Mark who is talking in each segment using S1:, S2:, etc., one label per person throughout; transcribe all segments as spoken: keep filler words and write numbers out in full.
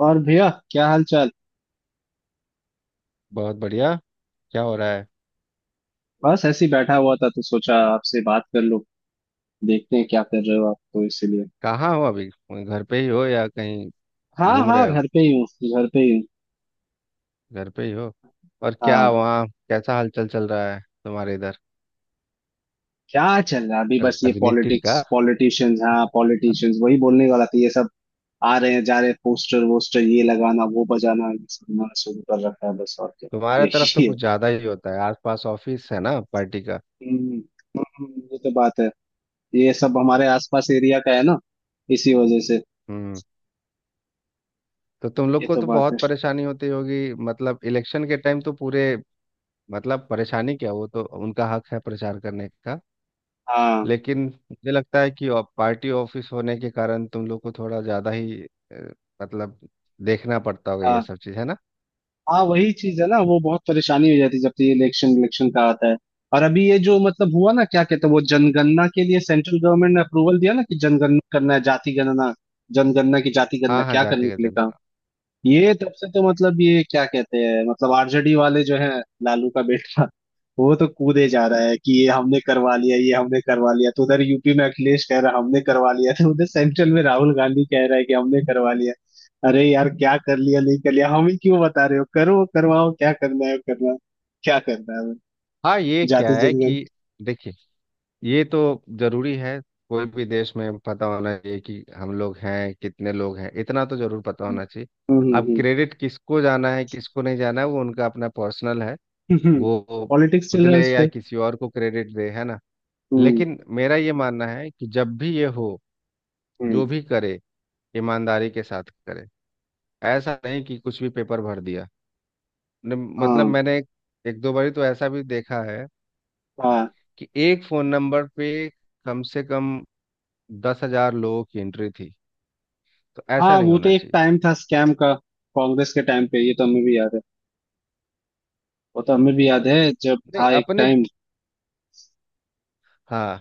S1: और भैया, क्या हाल चाल।
S2: बहुत बढ़िया। क्या हो रहा है?
S1: बस ऐसे ही बैठा हुआ था तो सोचा आपसे बात कर लो, देखते हैं क्या कर रहे हो आप, तो इसीलिए।
S2: कहाँ हो अभी? घर पे ही हो या कहीं
S1: हाँ
S2: घूम
S1: हाँ,
S2: रहे हो?
S1: घर पे ही हूँ। घर पे ही हूँ।
S2: घर पे ही हो। और क्या
S1: हाँ।
S2: वहाँ कैसा हलचल चल रहा है तुम्हारे इधर?
S1: क्या चल रहा है अभी, बस ये
S2: राजनीति
S1: पॉलिटिक्स
S2: का।
S1: पॉलिटिशियंस, हाँ पॉलिटिशियंस वही बोलने वाला था ये सब। आ रहे हैं जा रहे हैं, पोस्टर वोस्टर ये लगाना वो बजाना, ये सब उन्होंने शुरू कर रखा है, बस और क्या।
S2: तुम्हारे तरफ तो
S1: यही है।
S2: कुछ ज्यादा ही होता है, आसपास ऑफिस है ना पार्टी का।
S1: हम्म, हम्म, ये तो बात है। ये सब हमारे आसपास एरिया का है ना, इसी वजह से।
S2: हम्म। तो तुम लोग
S1: ये
S2: को
S1: तो
S2: तो
S1: बात है।
S2: बहुत परेशानी होती होगी, मतलब इलेक्शन के टाइम तो पूरे। मतलब परेशानी क्या, वो तो उनका हक है प्रचार करने का।
S1: हाँ
S2: लेकिन मुझे लगता है कि आप पार्टी ऑफिस होने के कारण तुम लोग को थोड़ा ज़्यादा ही अ, मतलब देखना पड़ता होगा, ये
S1: हाँ।
S2: सब चीज़ है ना।
S1: हाँ, वही चीज है ना, वो बहुत परेशानी हो जाती है जब तक ये इलेक्शन इलेक्शन का आता है। और अभी ये जो मतलब हुआ ना क्या कहते हैं, वो जनगणना के लिए सेंट्रल गवर्नमेंट ने अप्रूवल दिया ना कि जनगणना करना है जाति गणना। जनगणना की जाति गणना
S2: हाँ हाँ,
S1: क्या
S2: जाति
S1: करने
S2: का
S1: के लिए कहा।
S2: जनगणना।
S1: ये तब से तो मतलब ये क्या कहते हैं, मतलब आरजेडी वाले जो है, लालू का बेटा, वो तो कूदे जा रहा है कि ये हमने करवा लिया ये हमने करवा लिया, तो उधर यूपी में अखिलेश कह रहा है हमने करवा लिया, तो उधर सेंट्रल में राहुल गांधी कह रहा है कि हमने करवा लिया। अरे यार, क्या कर लिया नहीं कर लिया, हम ही क्यों बता रहे हो, करो करवाओ, क्या करना है करना। क्या करना है।
S2: हाँ ये क्या
S1: जाति
S2: है
S1: जनगण।
S2: कि देखिए, ये तो जरूरी है। कोई भी देश में पता होना चाहिए कि हम लोग हैं कितने, लोग हैं इतना तो जरूर पता होना चाहिए।
S1: हम्म,
S2: अब
S1: हम्म,
S2: क्रेडिट किसको जाना है किसको नहीं जाना है वो उनका अपना पर्सनल है।
S1: हम्म।
S2: वो वो
S1: पॉलिटिक्स चल
S2: खुद
S1: रहा
S2: ले
S1: है उस
S2: या
S1: पे।
S2: किसी और को क्रेडिट दे, है ना।
S1: हम्म।
S2: लेकिन मेरा ये मानना है कि जब भी ये हो,
S1: हम्म।
S2: जो भी करे ईमानदारी के साथ करें। ऐसा नहीं कि कुछ भी पेपर भर दिया। ने- मतलब
S1: हाँ,
S2: मैंने एक, एक दो बारी तो ऐसा भी देखा है
S1: हाँ,
S2: कि एक फोन नंबर पे कम से कम दस हजार लोगों की एंट्री थी। तो ऐसा
S1: हाँ।
S2: नहीं
S1: वो तो
S2: होना
S1: एक
S2: चाहिए।
S1: टाइम था स्कैम का। कांग्रेस के टाइम पे ये तो हमें भी याद है। वो तो हमें भी याद है। जब
S2: नहीं
S1: था एक
S2: अपने,
S1: टाइम।
S2: हाँ,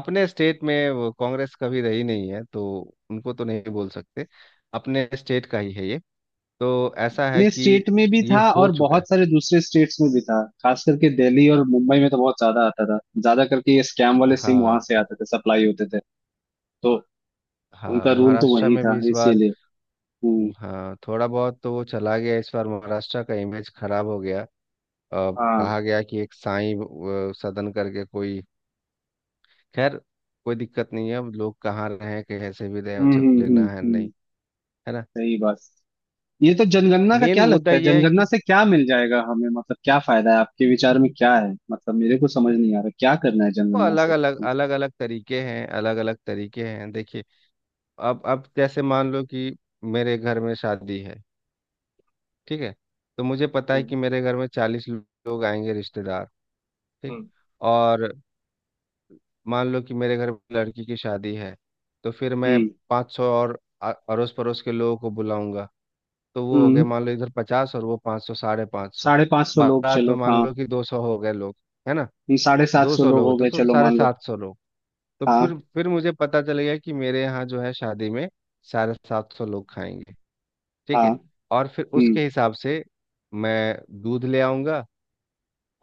S2: अपने स्टेट में वो कांग्रेस कभी रही नहीं है, तो उनको तो नहीं बोल सकते। अपने स्टेट का ही है ये। तो ऐसा है
S1: अपने
S2: कि
S1: स्टेट में भी
S2: ये
S1: था
S2: हो
S1: और
S2: चुका है।
S1: बहुत सारे दूसरे स्टेट्स में भी था, खास करके दिल्ली और मुंबई में तो बहुत ज्यादा आता था, ज्यादा करके ये स्कैम वाले सिम
S2: हाँ
S1: वहां से आते थे सप्लाई होते थे। तो
S2: हाँ,
S1: उनका रूल तो
S2: महाराष्ट्र
S1: वही
S2: में भी
S1: था
S2: इस बार।
S1: इसीलिए। हम्म।
S2: हाँ थोड़ा बहुत तो वो चला गया, इस बार महाराष्ट्र का इमेज खराब हो गया। अब
S1: हाँ।
S2: कहा गया कि एक साईं अ, सदन करके कोई, खैर कोई दिक्कत नहीं है। अब लोग कहाँ रहें कैसे भी रहें
S1: हम्म,
S2: उसे
S1: हम्म, हम्म।
S2: लेना है
S1: हम्म,
S2: नहीं, है ना।
S1: सही बात। ये तो जनगणना का
S2: मेन
S1: क्या
S2: मुद्दा
S1: लगता है,
S2: यह है
S1: जनगणना
S2: कि
S1: से क्या मिल जाएगा हमें, मतलब क्या फायदा है आपके विचार में क्या है, मतलब मेरे को समझ नहीं आ रहा क्या करना है
S2: वो
S1: जनगणना से
S2: अलग अलग
S1: हम्म,
S2: अलग अलग तरीके हैं, अलग अलग तरीके हैं देखिए। अब अब जैसे मान लो कि मेरे घर में शादी है, ठीक है। तो मुझे पता है कि मेरे घर में चालीस लोग आएंगे रिश्तेदार, ठीक।
S1: हम्म।
S2: और मान लो कि मेरे घर में लड़की की शादी है। तो फिर मैं
S1: हम्म,
S2: पाँच सौ और आ- अड़ोस पड़ोस के लोगों को बुलाऊंगा। तो वो हो गए
S1: हम्म,
S2: मान लो इधर पचास, और वो पाँच सौ, साढ़े पाँच सौ।
S1: साढ़े पांच सौ लोग
S2: बारात में
S1: चलो
S2: मान
S1: हाँ।
S2: लो कि दो सौ हो गए लोग, है ना।
S1: साढ़े सात
S2: दो
S1: सौ
S2: सौ
S1: लोग हो
S2: लोग, तो
S1: गए
S2: सो
S1: चलो
S2: साढ़े
S1: मान लो।
S2: सात सौ लोग। तो फिर
S1: हाँ।
S2: फिर मुझे पता चल गया कि मेरे यहाँ जो है शादी में साढ़े सात सौ लोग खाएंगे, ठीक
S1: हाँ।
S2: है। और फिर
S1: हम्म।
S2: उसके हिसाब से मैं दूध ले आऊंगा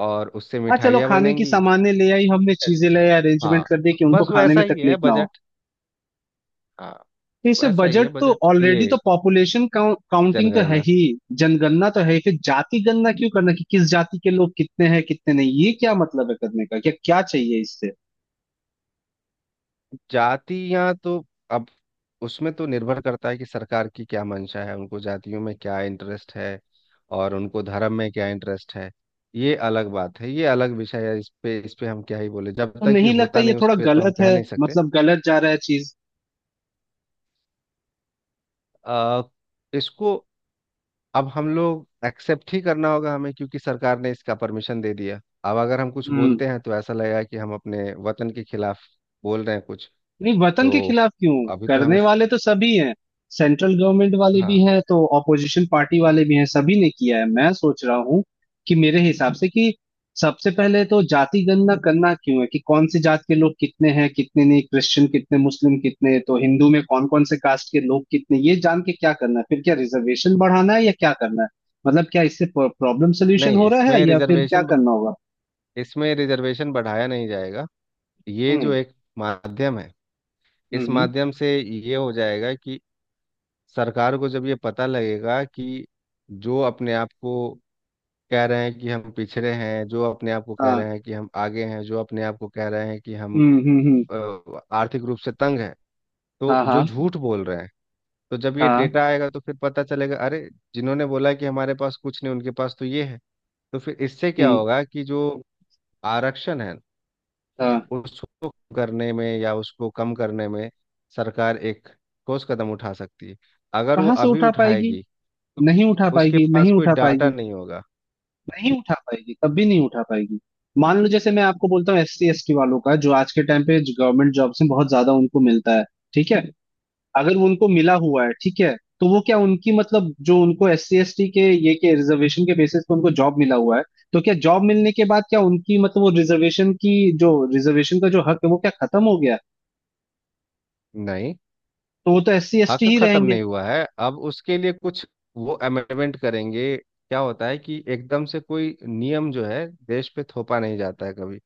S2: और उससे
S1: हाँ, चलो
S2: मिठाइयाँ
S1: खाने की
S2: बनेंगी।
S1: सामान्य ले आई हमने, चीजें ले
S2: अच्छा,
S1: आई, अरेंजमेंट
S2: हाँ
S1: कर दी कि उनको
S2: बस
S1: खाने
S2: वैसा
S1: में
S2: ही
S1: तकलीफ
S2: है
S1: ना हो।
S2: बजट। हाँ
S1: तो इससे
S2: वैसा ही है
S1: बजट तो
S2: बजट, ये
S1: ऑलरेडी तो पॉपुलेशन काउंटिंग तो है
S2: जनगणना।
S1: ही। जनगणना तो है ही, फिर जाति गणना क्यों करना कि किस जाति के लोग कितने हैं कितने नहीं, ये क्या मतलब है करने का, क्या क्या चाहिए इससे।
S2: जातियां तो अब उसमें तो निर्भर करता है कि सरकार की क्या मंशा है, उनको जातियों में क्या इंटरेस्ट है और उनको धर्म में क्या इंटरेस्ट है। ये अलग बात है, ये अलग विषय है। इस पे इस पे हम क्या ही बोले, जब
S1: तो
S2: तक ये
S1: नहीं लगता
S2: होता
S1: ये
S2: नहीं उस
S1: थोड़ा
S2: पे तो हम
S1: गलत
S2: कह
S1: है,
S2: नहीं सकते।
S1: मतलब गलत जा रहा है
S2: आ, इसको अब हम लोग एक्सेप्ट ही करना होगा हमें, क्योंकि सरकार ने इसका परमिशन दे दिया। अब अगर हम कुछ
S1: चीज।
S2: बोलते हैं तो ऐसा लगेगा कि हम अपने वतन के खिलाफ बोल रहे हैं कुछ।
S1: नहीं, वतन के
S2: तो
S1: खिलाफ क्यों।
S2: अभी तो हमें,
S1: करने वाले तो सभी हैं। सेंट्रल गवर्नमेंट वाले भी
S2: हाँ।
S1: हैं तो ऑपोजिशन पार्टी वाले भी हैं, सभी ने किया है। मैं सोच रहा हूँ कि मेरे हिसाब से कि सबसे पहले तो जाति गणना करना क्यों है, कि कौन सी जात के लोग कितने हैं कितने नहीं, क्रिश्चियन कितने, मुस्लिम कितने, तो हिंदू में कौन कौन से कास्ट के लोग कितने, ये जान के क्या करना है, फिर क्या रिजर्वेशन बढ़ाना है या क्या करना है। मतलब क्या इससे प्रॉब्लम सोल्यूशन
S2: नहीं,
S1: हो रहा है
S2: इसमें
S1: या फिर क्या
S2: रिजर्वेशन
S1: करना होगा।
S2: इसमें रिजर्वेशन बढ़ाया नहीं जाएगा। ये जो
S1: हम्म,
S2: एक माध्यम है, इस
S1: हम्म।
S2: माध्यम से ये हो जाएगा कि सरकार को जब ये पता लगेगा कि जो अपने आप को कह रहे हैं कि हम पिछड़े हैं, जो अपने आप को कह रहे
S1: हाँ।
S2: हैं कि हम आगे हैं, जो अपने आप को कह रहे हैं कि हम
S1: हम्म, हम्म, हम्म।
S2: अ, आर्थिक रूप से तंग हैं, तो
S1: हाँ,
S2: जो
S1: हाँ।
S2: झूठ बोल रहे हैं, तो जब ये
S1: हाँ।
S2: डेटा आएगा तो फिर पता चलेगा, अरे जिन्होंने बोला कि हमारे पास कुछ नहीं, उनके पास तो ये है। तो फिर इससे क्या
S1: हम्म।
S2: होगा कि जो आरक्षण है
S1: हाँ।
S2: उसको करने में या उसको कम करने में सरकार एक ठोस कदम उठा सकती है। अगर वो
S1: कहाँ से
S2: अभी
S1: उठा पाएगी।
S2: उठाएगी तो
S1: नहीं
S2: उसके
S1: उठा
S2: उसके
S1: पाएगी,
S2: पास
S1: नहीं
S2: कोई
S1: उठा
S2: डाटा
S1: पाएगी।
S2: नहीं होगा।
S1: नहीं उठा पाएगी, कभी नहीं उठा पाएगी। मान लो जैसे मैं आपको बोलता हूँ एस सी एस टी वालों का, जो आज के टाइम पे गवर्नमेंट जॉब्स में बहुत ज्यादा उनको मिलता है। ठीक है। अगर उनको मिला हुआ है ठीक है तो वो क्या उनकी, मतलब जो उनको एस सी एस टी के ये के रिजर्वेशन के बेसिस पे उनको जॉब मिला हुआ है, तो क्या जॉब मिलने के बाद क्या उनकी मतलब वो रिजर्वेशन की, जो रिजर्वेशन का जो हक है वो क्या खत्म हो गया।
S2: नहीं,
S1: तो वो तो एस सी एस
S2: हक
S1: टी ही
S2: खत्म
S1: रहेंगे।
S2: नहीं हुआ है। अब उसके लिए कुछ वो अमेंडमेंट करेंगे। क्या होता है कि एकदम से कोई नियम जो है देश पे थोपा नहीं जाता है कभी।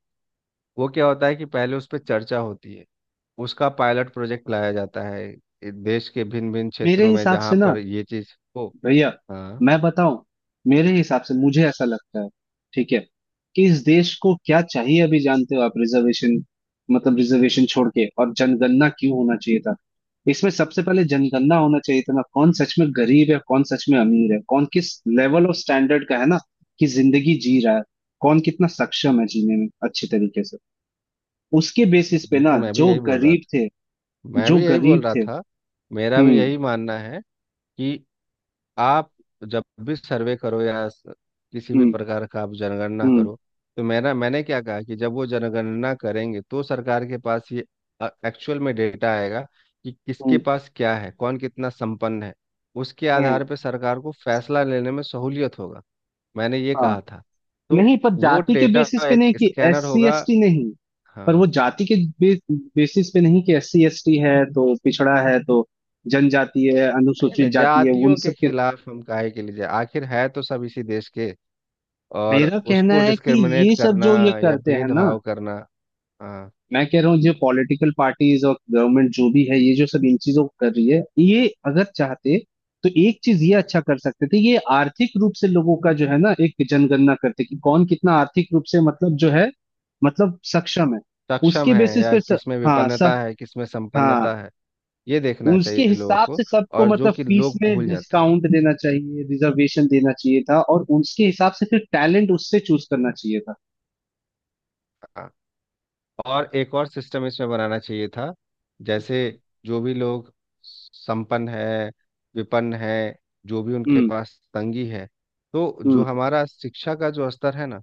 S2: वो क्या होता है कि पहले उस पर चर्चा होती है, उसका पायलट प्रोजेक्ट लाया जाता है, देश के भिन्न भिन्न
S1: मेरे
S2: क्षेत्रों में
S1: हिसाब
S2: जहाँ
S1: से ना
S2: पर ये चीज़ हो।
S1: भैया,
S2: हाँ,
S1: मैं बताऊं। मेरे हिसाब से मुझे ऐसा लगता है ठीक है, कि इस देश को क्या चाहिए अभी जानते हो आप, रिजर्वेशन, मतलब रिजर्वेशन छोड़ के और जनगणना क्यों होना चाहिए था। इसमें सबसे पहले जनगणना होना चाहिए था ना, कौन सच में गरीब है कौन सच में अमीर है, कौन किस लेवल ऑफ स्टैंडर्ड का है ना, कि जिंदगी जी रहा है, कौन कितना सक्षम है जीने में अच्छे तरीके से। उसके बेसिस पे ना
S2: बिल्कुल मैं भी
S1: जो
S2: यही बोल रहा
S1: गरीब थे,
S2: मैं
S1: जो
S2: भी यही बोल
S1: गरीब
S2: रहा
S1: थे।
S2: था, मेरा भी
S1: हम्म,
S2: यही मानना है कि आप जब भी सर्वे करो या स- किसी भी
S1: हम्म,
S2: प्रकार का आप जनगणना
S1: हम्म,
S2: करो, तो मेरा मैंने क्या कहा कि जब वो जनगणना करेंगे तो सरकार के पास ये एक्चुअल में डेटा आएगा कि किसके
S1: हम्म।
S2: पास क्या है, कौन कितना संपन्न है। उसके आधार
S1: हम्म,
S2: पर सरकार को फैसला लेने में सहूलियत होगा। मैंने ये
S1: हाँ।
S2: कहा था। तो
S1: नहीं पर
S2: वो
S1: जाति के
S2: डेटा
S1: बेसिस पे
S2: एक
S1: नहीं, कि एस
S2: स्कैनर
S1: सी
S2: होगा,
S1: एस टी नहीं। पर वो
S2: हाँ।
S1: जाति के बे, बेसिस पे नहीं, कि एस सी एस टी है तो पिछड़ा है, तो जनजाति है
S2: नहीं नहीं,
S1: अनुसूचित जाति है उन
S2: जातियों के
S1: सब के।
S2: खिलाफ हम काहे के लिए जाए, आखिर है तो सब इसी देश के। और
S1: मेरा कहना
S2: उसको
S1: है कि
S2: डिस्क्रिमिनेट
S1: ये सब
S2: करना
S1: जो ये
S2: या
S1: करते हैं ना,
S2: भेदभाव करना, हाँ।
S1: मैं कह रहा हूँ जो पॉलिटिकल पार्टीज और गवर्नमेंट जो भी है ये जो सब इन चीजों को कर रही है, ये अगर चाहते तो एक चीज ये अच्छा कर सकते थे, ये आर्थिक रूप से लोगों का जो है ना एक जनगणना करते कि कौन कितना आर्थिक रूप से मतलब जो है, मतलब सक्षम है।
S2: सक्षम
S1: उसके
S2: है
S1: बेसिस
S2: या
S1: पे स,
S2: किसमें
S1: हाँ
S2: विपन्नता
S1: सब,
S2: है किसमें
S1: हाँ।
S2: संपन्नता है, ये देखना
S1: उसके
S2: चाहिए लोगों
S1: हिसाब
S2: को।
S1: से सबको
S2: और जो
S1: मतलब
S2: कि
S1: फीस
S2: लोग
S1: में
S2: भूल जाते हैं,
S1: डिस्काउंट देना चाहिए रिजर्वेशन देना चाहिए था, और उसके हिसाब से फिर टैलेंट उससे चूज करना चाहिए था।
S2: हाँ। और एक और सिस्टम इसमें बनाना चाहिए था। जैसे जो भी लोग संपन्न है, विपन्न है, जो भी उनके
S1: हम्म।
S2: पास तंगी है, तो जो
S1: हम्म।
S2: हमारा शिक्षा का जो स्तर है ना,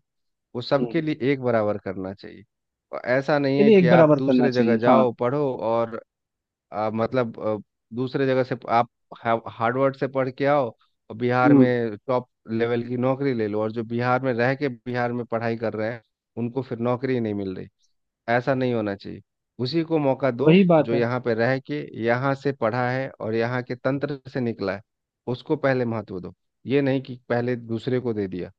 S2: वो सबके
S1: हम्म
S2: लिए एक बराबर करना चाहिए। और ऐसा नहीं
S1: के
S2: है
S1: लिए
S2: कि
S1: एक
S2: आप
S1: बराबर करना
S2: दूसरे
S1: चाहिए,
S2: जगह
S1: हाँ।
S2: जाओ पढ़ो और आ, मतलब आ, दूसरे जगह से आप हा- हार्वर्ड से पढ़ के आओ और बिहार
S1: हम्म।
S2: में टॉप लेवल की नौकरी ले लो, और जो बिहार में रह के बिहार में पढ़ाई कर रहे हैं उनको फिर नौकरी नहीं मिल रही। ऐसा नहीं होना चाहिए। उसी को मौका दो
S1: वही बात
S2: जो
S1: है।
S2: यहाँ पे रह के यहाँ से पढ़ा है और यहाँ के तंत्र से निकला है, उसको पहले महत्व दो। ये नहीं कि पहले दूसरे को दे दिया,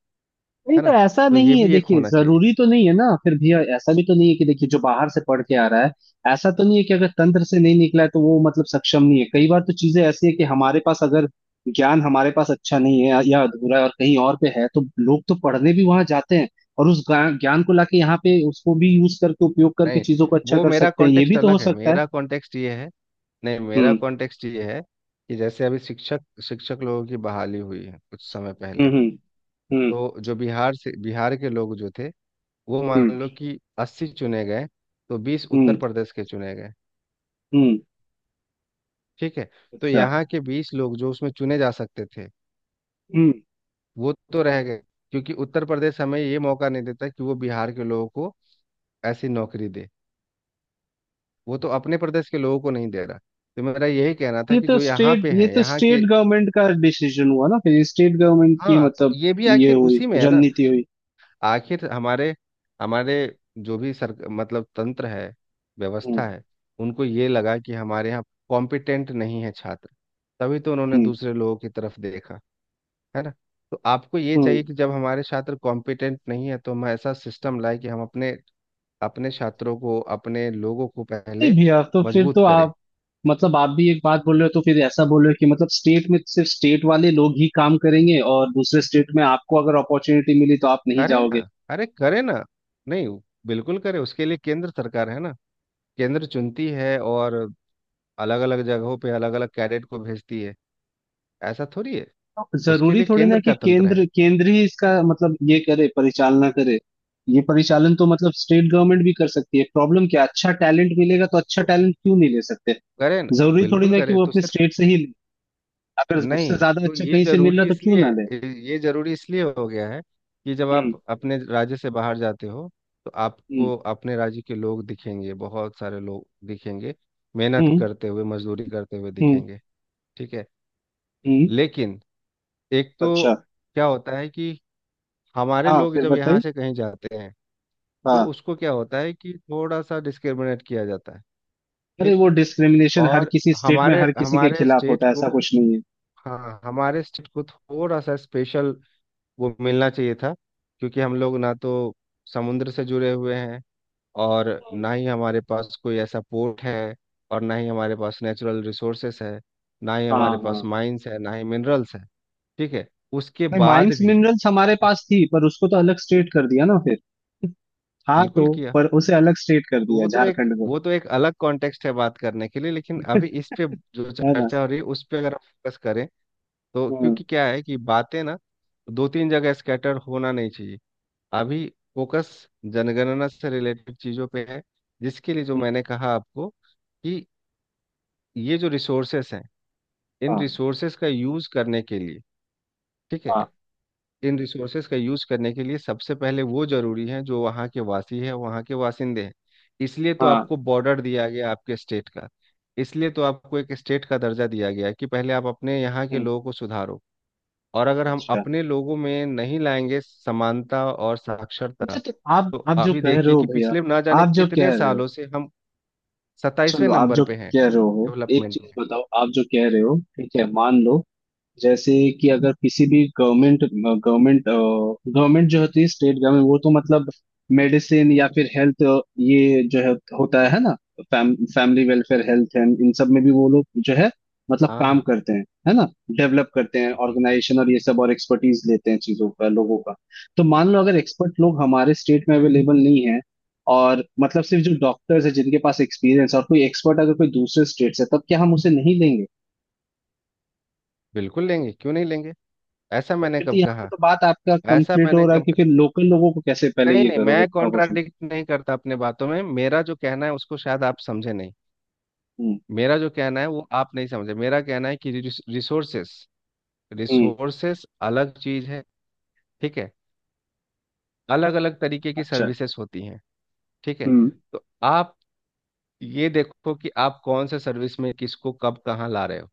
S1: नहीं
S2: है
S1: तो
S2: ना।
S1: ऐसा
S2: तो ये
S1: नहीं है
S2: भी एक
S1: देखिए,
S2: होना चाहिए।
S1: जरूरी तो नहीं है ना, फिर भी ऐसा भी तो नहीं है कि, देखिए जो बाहर से पढ़ के आ रहा है, ऐसा तो नहीं है कि अगर तंत्र से नहीं निकला है तो वो मतलब सक्षम नहीं है, कई बार तो चीजें ऐसी है कि हमारे पास अगर ज्ञान, हमारे पास अच्छा नहीं है या अधूरा है और कहीं और पे है तो लोग तो पढ़ने भी वहां जाते हैं, और उस ज्ञान ज्ञान को लाके यहाँ पे उसको भी यूज करके उपयोग करके
S2: नहीं,
S1: चीजों को अच्छा
S2: वो
S1: कर
S2: मेरा
S1: सकते हैं, ये भी
S2: कॉन्टेक्स्ट
S1: तो हो
S2: अलग है।
S1: सकता है।
S2: मेरा कॉन्टेक्स्ट ये है। नहीं, मेरा
S1: हम्म।
S2: कॉन्टेक्स्ट ये है कि जैसे अभी शिक्षक शिक्षक लोगों की बहाली हुई है कुछ समय पहले।
S1: हम्म। हम्म।
S2: तो जो बिहार से बिहार के लोग जो थे, वो
S1: हम्म।
S2: मान
S1: हम्म।
S2: लो कि अस्सी चुने गए, तो बीस
S1: हम्म।
S2: उत्तर प्रदेश के चुने गए,
S1: हम्म,
S2: ठीक है। तो
S1: अच्छा।
S2: यहाँ के बीस लोग जो उसमें चुने जा सकते थे, वो तो रह गए, क्योंकि उत्तर प्रदेश हमें ये मौका नहीं देता कि वो बिहार के लोगों को ऐसी नौकरी दे। वो तो अपने प्रदेश के लोगों को नहीं दे रहा। तो मेरा यही कहना था
S1: ये
S2: कि
S1: तो
S2: जो यहाँ
S1: स्टेट
S2: पे
S1: ये
S2: हैं
S1: तो
S2: यहाँ के,
S1: स्टेट गवर्नमेंट का डिसीजन हुआ ना फिर, स्टेट गवर्नमेंट की
S2: हाँ, तो
S1: मतलब
S2: ये भी
S1: ये
S2: आखिर
S1: हुई,
S2: उसी में है ना।
S1: रणनीति हुई।
S2: आखिर हमारे हमारे जो भी सर मतलब तंत्र है
S1: हम्म।
S2: व्यवस्था है, उनको ये लगा कि हमारे यहाँ कॉम्पिटेंट नहीं है छात्र, तभी तो उन्होंने
S1: हम्म।
S2: दूसरे लोगों की तरफ देखा, है ना। तो आपको ये
S1: हम्म।
S2: चाहिए कि जब हमारे छात्र कॉम्पिटेंट नहीं है तो हम ऐसा सिस्टम लाए कि हम अपने अपने छात्रों को, अपने लोगों को
S1: नहीं
S2: पहले
S1: भैया, तो फिर तो
S2: मजबूत करें।
S1: आप, मतलब आप भी एक बात बोल रहे हो तो फिर ऐसा बोल रहे हो कि मतलब स्टेट में सिर्फ स्टेट वाले लोग ही काम करेंगे, और दूसरे स्टेट में आपको अगर अपॉर्चुनिटी मिली तो आप नहीं
S2: करें
S1: जाओगे।
S2: ना, अरे करें ना। नहीं, बिल्कुल करें। उसके लिए केंद्र सरकार है ना, केंद्र चुनती है और अलग अलग जगहों पे अलग अलग कैडेट को भेजती है, ऐसा थोड़ी है। उसके
S1: जरूरी
S2: लिए
S1: थोड़ी ना
S2: केंद्र
S1: कि
S2: का तंत्र है।
S1: केंद्र केंद्र ही इसका मतलब ये करे, परिचालना करे। ये परिचालन तो मतलब स्टेट गवर्नमेंट भी कर सकती है, प्रॉब्लम क्या, अच्छा टैलेंट मिलेगा तो अच्छा
S2: तो
S1: टैलेंट क्यों नहीं ले सकते।
S2: करें न-
S1: जरूरी थोड़ी
S2: बिल्कुल
S1: ना कि
S2: करें।
S1: वो
S2: तो
S1: अपने
S2: सिर्फ
S1: स्टेट से ही ले, अगर उससे
S2: नहीं,
S1: ज्यादा
S2: तो
S1: अच्छा
S2: ये
S1: कहीं से मिल रहा
S2: जरूरी
S1: तो क्यों
S2: इसलिए
S1: ना ले।
S2: ये जरूरी इसलिए हो गया है कि जब आप
S1: हम्म।
S2: अपने राज्य से बाहर जाते हो तो
S1: हम्म।
S2: आपको अपने राज्य के लोग दिखेंगे, बहुत सारे लोग दिखेंगे मेहनत
S1: हम्म।
S2: करते हुए मजदूरी करते हुए
S1: हम्म।
S2: दिखेंगे, ठीक है।
S1: हम्म।
S2: लेकिन एक तो
S1: अच्छा।
S2: क्या होता है कि हमारे
S1: हाँ,
S2: लोग
S1: फिर
S2: जब यहाँ
S1: बताइए।
S2: से कहीं जाते हैं तो
S1: हाँ।
S2: उसको क्या होता है कि थोड़ा सा डिस्क्रिमिनेट किया जाता है।
S1: अरे,
S2: ठीक।
S1: वो डिस्क्रिमिनेशन हर
S2: और
S1: किसी स्टेट में
S2: हमारे
S1: हर किसी के
S2: हमारे
S1: खिलाफ
S2: स्टेट
S1: होता है, ऐसा
S2: को,
S1: कुछ नहीं है।
S2: हाँ हमारे स्टेट को थोड़ा सा स्पेशल वो मिलना चाहिए था। क्योंकि हम लोग ना तो समुद्र से जुड़े हुए हैं, और
S1: हम्म,
S2: ना ही हमारे पास कोई ऐसा पोर्ट है, और ना ही हमारे पास नेचुरल रिसोर्सेस है, ना ही
S1: हाँ,
S2: हमारे पास
S1: हाँ।
S2: माइंस है ना ही मिनरल्स है, ठीक है। उसके
S1: नहीं
S2: बाद
S1: माइंस
S2: भी
S1: मिनरल्स हमारे
S2: उस
S1: पास थी पर उसको तो अलग स्टेट कर दिया ना फिर। हाँ तो,
S2: बिल्कुल किया।
S1: पर उसे अलग स्टेट कर
S2: तो
S1: दिया
S2: वो तो एक
S1: झारखंड को।
S2: वो तो एक अलग कॉन्टेक्स्ट है बात करने के लिए, लेकिन अभी इस पे जो
S1: है ना।
S2: चर्चा हो रही है उस पे अगर हम फोकस करें, तो
S1: हम्म,
S2: क्योंकि क्या है कि बातें ना दो तीन जगह स्कैटर होना नहीं चाहिए। अभी फोकस जनगणना से रिलेटेड चीज़ों पे है, जिसके लिए जो
S1: हम्म,
S2: मैंने कहा आपको कि ये जो रिसोर्सेस हैं, इन
S1: हाँ,
S2: रिसोर्सेस का यूज़ करने के लिए, ठीक
S1: हाँ,
S2: है। इन रिसोर्सेस का यूज़ करने के लिए सबसे पहले वो ज़रूरी हैं जो वहाँ के वासी है, वहाँ के वासिंदे हैं। इसलिए तो
S1: हाँ।
S2: आपको बॉर्डर दिया गया आपके स्टेट का। इसलिए तो आपको एक स्टेट का दर्जा दिया गया है कि पहले आप अपने यहाँ के
S1: हम्म,
S2: लोगों को सुधारो। और अगर हम
S1: अच्छा।
S2: अपने लोगों में नहीं लाएंगे समानता और साक्षरता,
S1: अच्छा तो आप,
S2: तो
S1: आप जो
S2: अभी
S1: कह रहे
S2: देखिए
S1: हो
S2: कि
S1: भैया,
S2: पिछले ना जाने
S1: आप जो
S2: कितने
S1: कह रहे हो,
S2: सालों से हम सताईसवें
S1: चलो आप
S2: नंबर
S1: जो
S2: पे हैं
S1: कह रहे हो एक
S2: डेवलपमेंट
S1: चीज
S2: में।
S1: बताओ, आप जो कह रहे हो ठीक है, मान लो, जैसे कि अगर किसी भी गवर्नमेंट, गवर्नमेंट गवर्नमेंट जो होती है, स्टेट गवर्नमेंट, वो तो मतलब मेडिसिन या फिर हेल्थ, ये जो है होता है है ना, फैम, फैमिली वेलफेयर हेल्थ है, इन सब में भी वो लोग जो है मतलब
S2: हाँ
S1: काम
S2: हाँ,
S1: करते हैं है ना, डेवलप करते हैं,
S2: बिल्कुल। हाँ
S1: ऑर्गेनाइजेशन और ये सब, और एक्सपर्टीज लेते हैं चीजों का लोगों का। तो मान लो अगर एक्सपर्ट लोग हमारे स्टेट में अवेलेबल नहीं है, और मतलब सिर्फ जो डॉक्टर्स है जिनके पास एक्सपीरियंस, और कोई एक्सपर्ट अगर कोई दूसरे स्टेट से, तब क्या हम उसे नहीं लेंगे।
S2: बिल्कुल लेंगे, क्यों नहीं लेंगे? ऐसा
S1: तो
S2: मैंने
S1: फिर तो
S2: कब
S1: यहाँ पे
S2: कहा?
S1: तो बात आपका
S2: ऐसा
S1: कंप्लीट हो
S2: मैंने
S1: रहा है,
S2: कब
S1: कि
S2: कहा?
S1: फिर लोकल लोगों को कैसे पहले
S2: नहीं
S1: ये
S2: नहीं,
S1: करोगे
S2: मैं
S1: प्रमोशन।
S2: कॉन्ट्राडिक्ट नहीं करता अपने बातों में। मेरा जो कहना है उसको शायद आप समझे नहीं।
S1: हम्म।
S2: मेरा जो कहना है वो आप नहीं समझे। मेरा कहना है कि रिसोर्सेस
S1: हम्म।
S2: रिसोर्सेस अलग चीज है, ठीक है। अलग अलग तरीके की
S1: अच्छा।
S2: सर्विसेज होती हैं, ठीक है।
S1: हम्म।
S2: तो आप ये देखो कि आप कौन से सर्विस में किसको कब कहाँ ला रहे हो।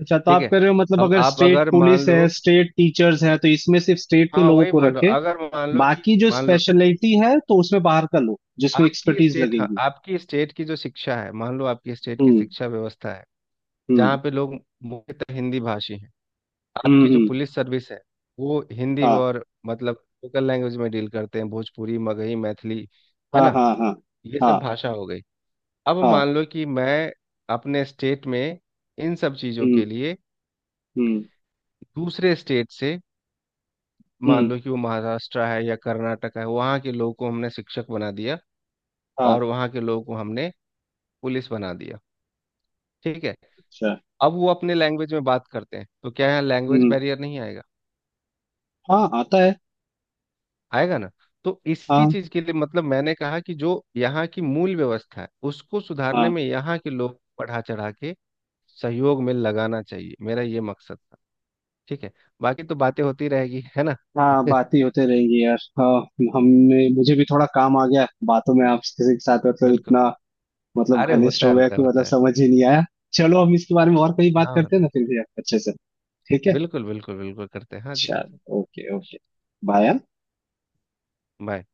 S1: अच्छा तो
S2: ठीक
S1: आप
S2: है,
S1: कह रहे हो मतलब
S2: अब
S1: अगर
S2: आप
S1: स्टेट
S2: अगर मान
S1: पुलिस
S2: लो,
S1: है स्टेट टीचर्स है तो इसमें सिर्फ स्टेट के
S2: हाँ
S1: लोगों
S2: वही
S1: को
S2: बोल रहा
S1: रखे,
S2: हूँ। अगर मान लो कि,
S1: बाकी जो
S2: मान लो, ठीक,
S1: स्पेशलिटी है तो उसमें बाहर का लोग जिसमें
S2: आपकी
S1: एक्सपर्टीज
S2: स्टेट, हाँ
S1: लगेगी।
S2: आपकी स्टेट की जो शिक्षा है, मान लो आपकी स्टेट की
S1: हम्म।
S2: शिक्षा व्यवस्था है
S1: हम्म।
S2: जहाँ पे लोग मुख्यतः हिंदी भाषी हैं।
S1: हम्म।
S2: आपकी जो
S1: हम्म,
S2: पुलिस सर्विस है, वो हिंदी
S1: हाँ,
S2: और मतलब लोकल लैंग्वेज में डील करते हैं, भोजपुरी मगही मैथिली, है
S1: हाँ,
S2: ना,
S1: हाँ, हाँ,
S2: ये सब
S1: हाँ,
S2: भाषा हो गई। अब
S1: हाँ।
S2: मान लो कि मैं अपने स्टेट में इन सब चीज़ों के
S1: हम्म।
S2: लिए
S1: हम्म।
S2: दूसरे स्टेट से, मान
S1: हम्म।
S2: लो कि वो महाराष्ट्र है या कर्नाटक है, वहाँ के लोगों को हमने शिक्षक बना दिया और
S1: हाँ।
S2: वहाँ के लोगों को हमने पुलिस बना दिया, ठीक है।
S1: अच्छा।
S2: अब वो अपने लैंग्वेज में बात करते हैं तो क्या यहाँ लैंग्वेज
S1: हम्म।
S2: बैरियर नहीं आएगा?
S1: हाँ, आता है।
S2: आएगा ना। तो इसी
S1: हाँ,
S2: चीज़ के लिए मतलब मैंने कहा कि जो यहाँ की मूल व्यवस्था है उसको सुधारने
S1: हाँ,
S2: में यहाँ के लोग बढ़ा चढ़ा के सहयोग में लगाना चाहिए, मेरा ये मकसद था। ठीक है, बाकी तो बातें होती रहेगी, है ना।
S1: हाँ, बातें होते रहेंगी यार, हाँ। हमने, मुझे भी थोड़ा काम आ गया बातों में आपके से- साथ, मतलब
S2: बिल्कुल।
S1: इतना मतलब
S2: अरे
S1: घनिष्ठ
S2: होता
S1: हो
S2: है,
S1: गया
S2: होता है,
S1: कि
S2: होता
S1: मतलब
S2: है।
S1: समझ ही नहीं आया। चलो हम इसके बारे में और कहीं बात
S2: हाँ
S1: करते हैं
S2: होता
S1: ना
S2: है,
S1: फिर भी अच्छे से। ठीक है।
S2: बिल्कुल बिल्कुल बिल्कुल करते हैं, हाँ जी हाँ
S1: चल।
S2: जी।
S1: Okay, okay. बाय।
S2: बाय।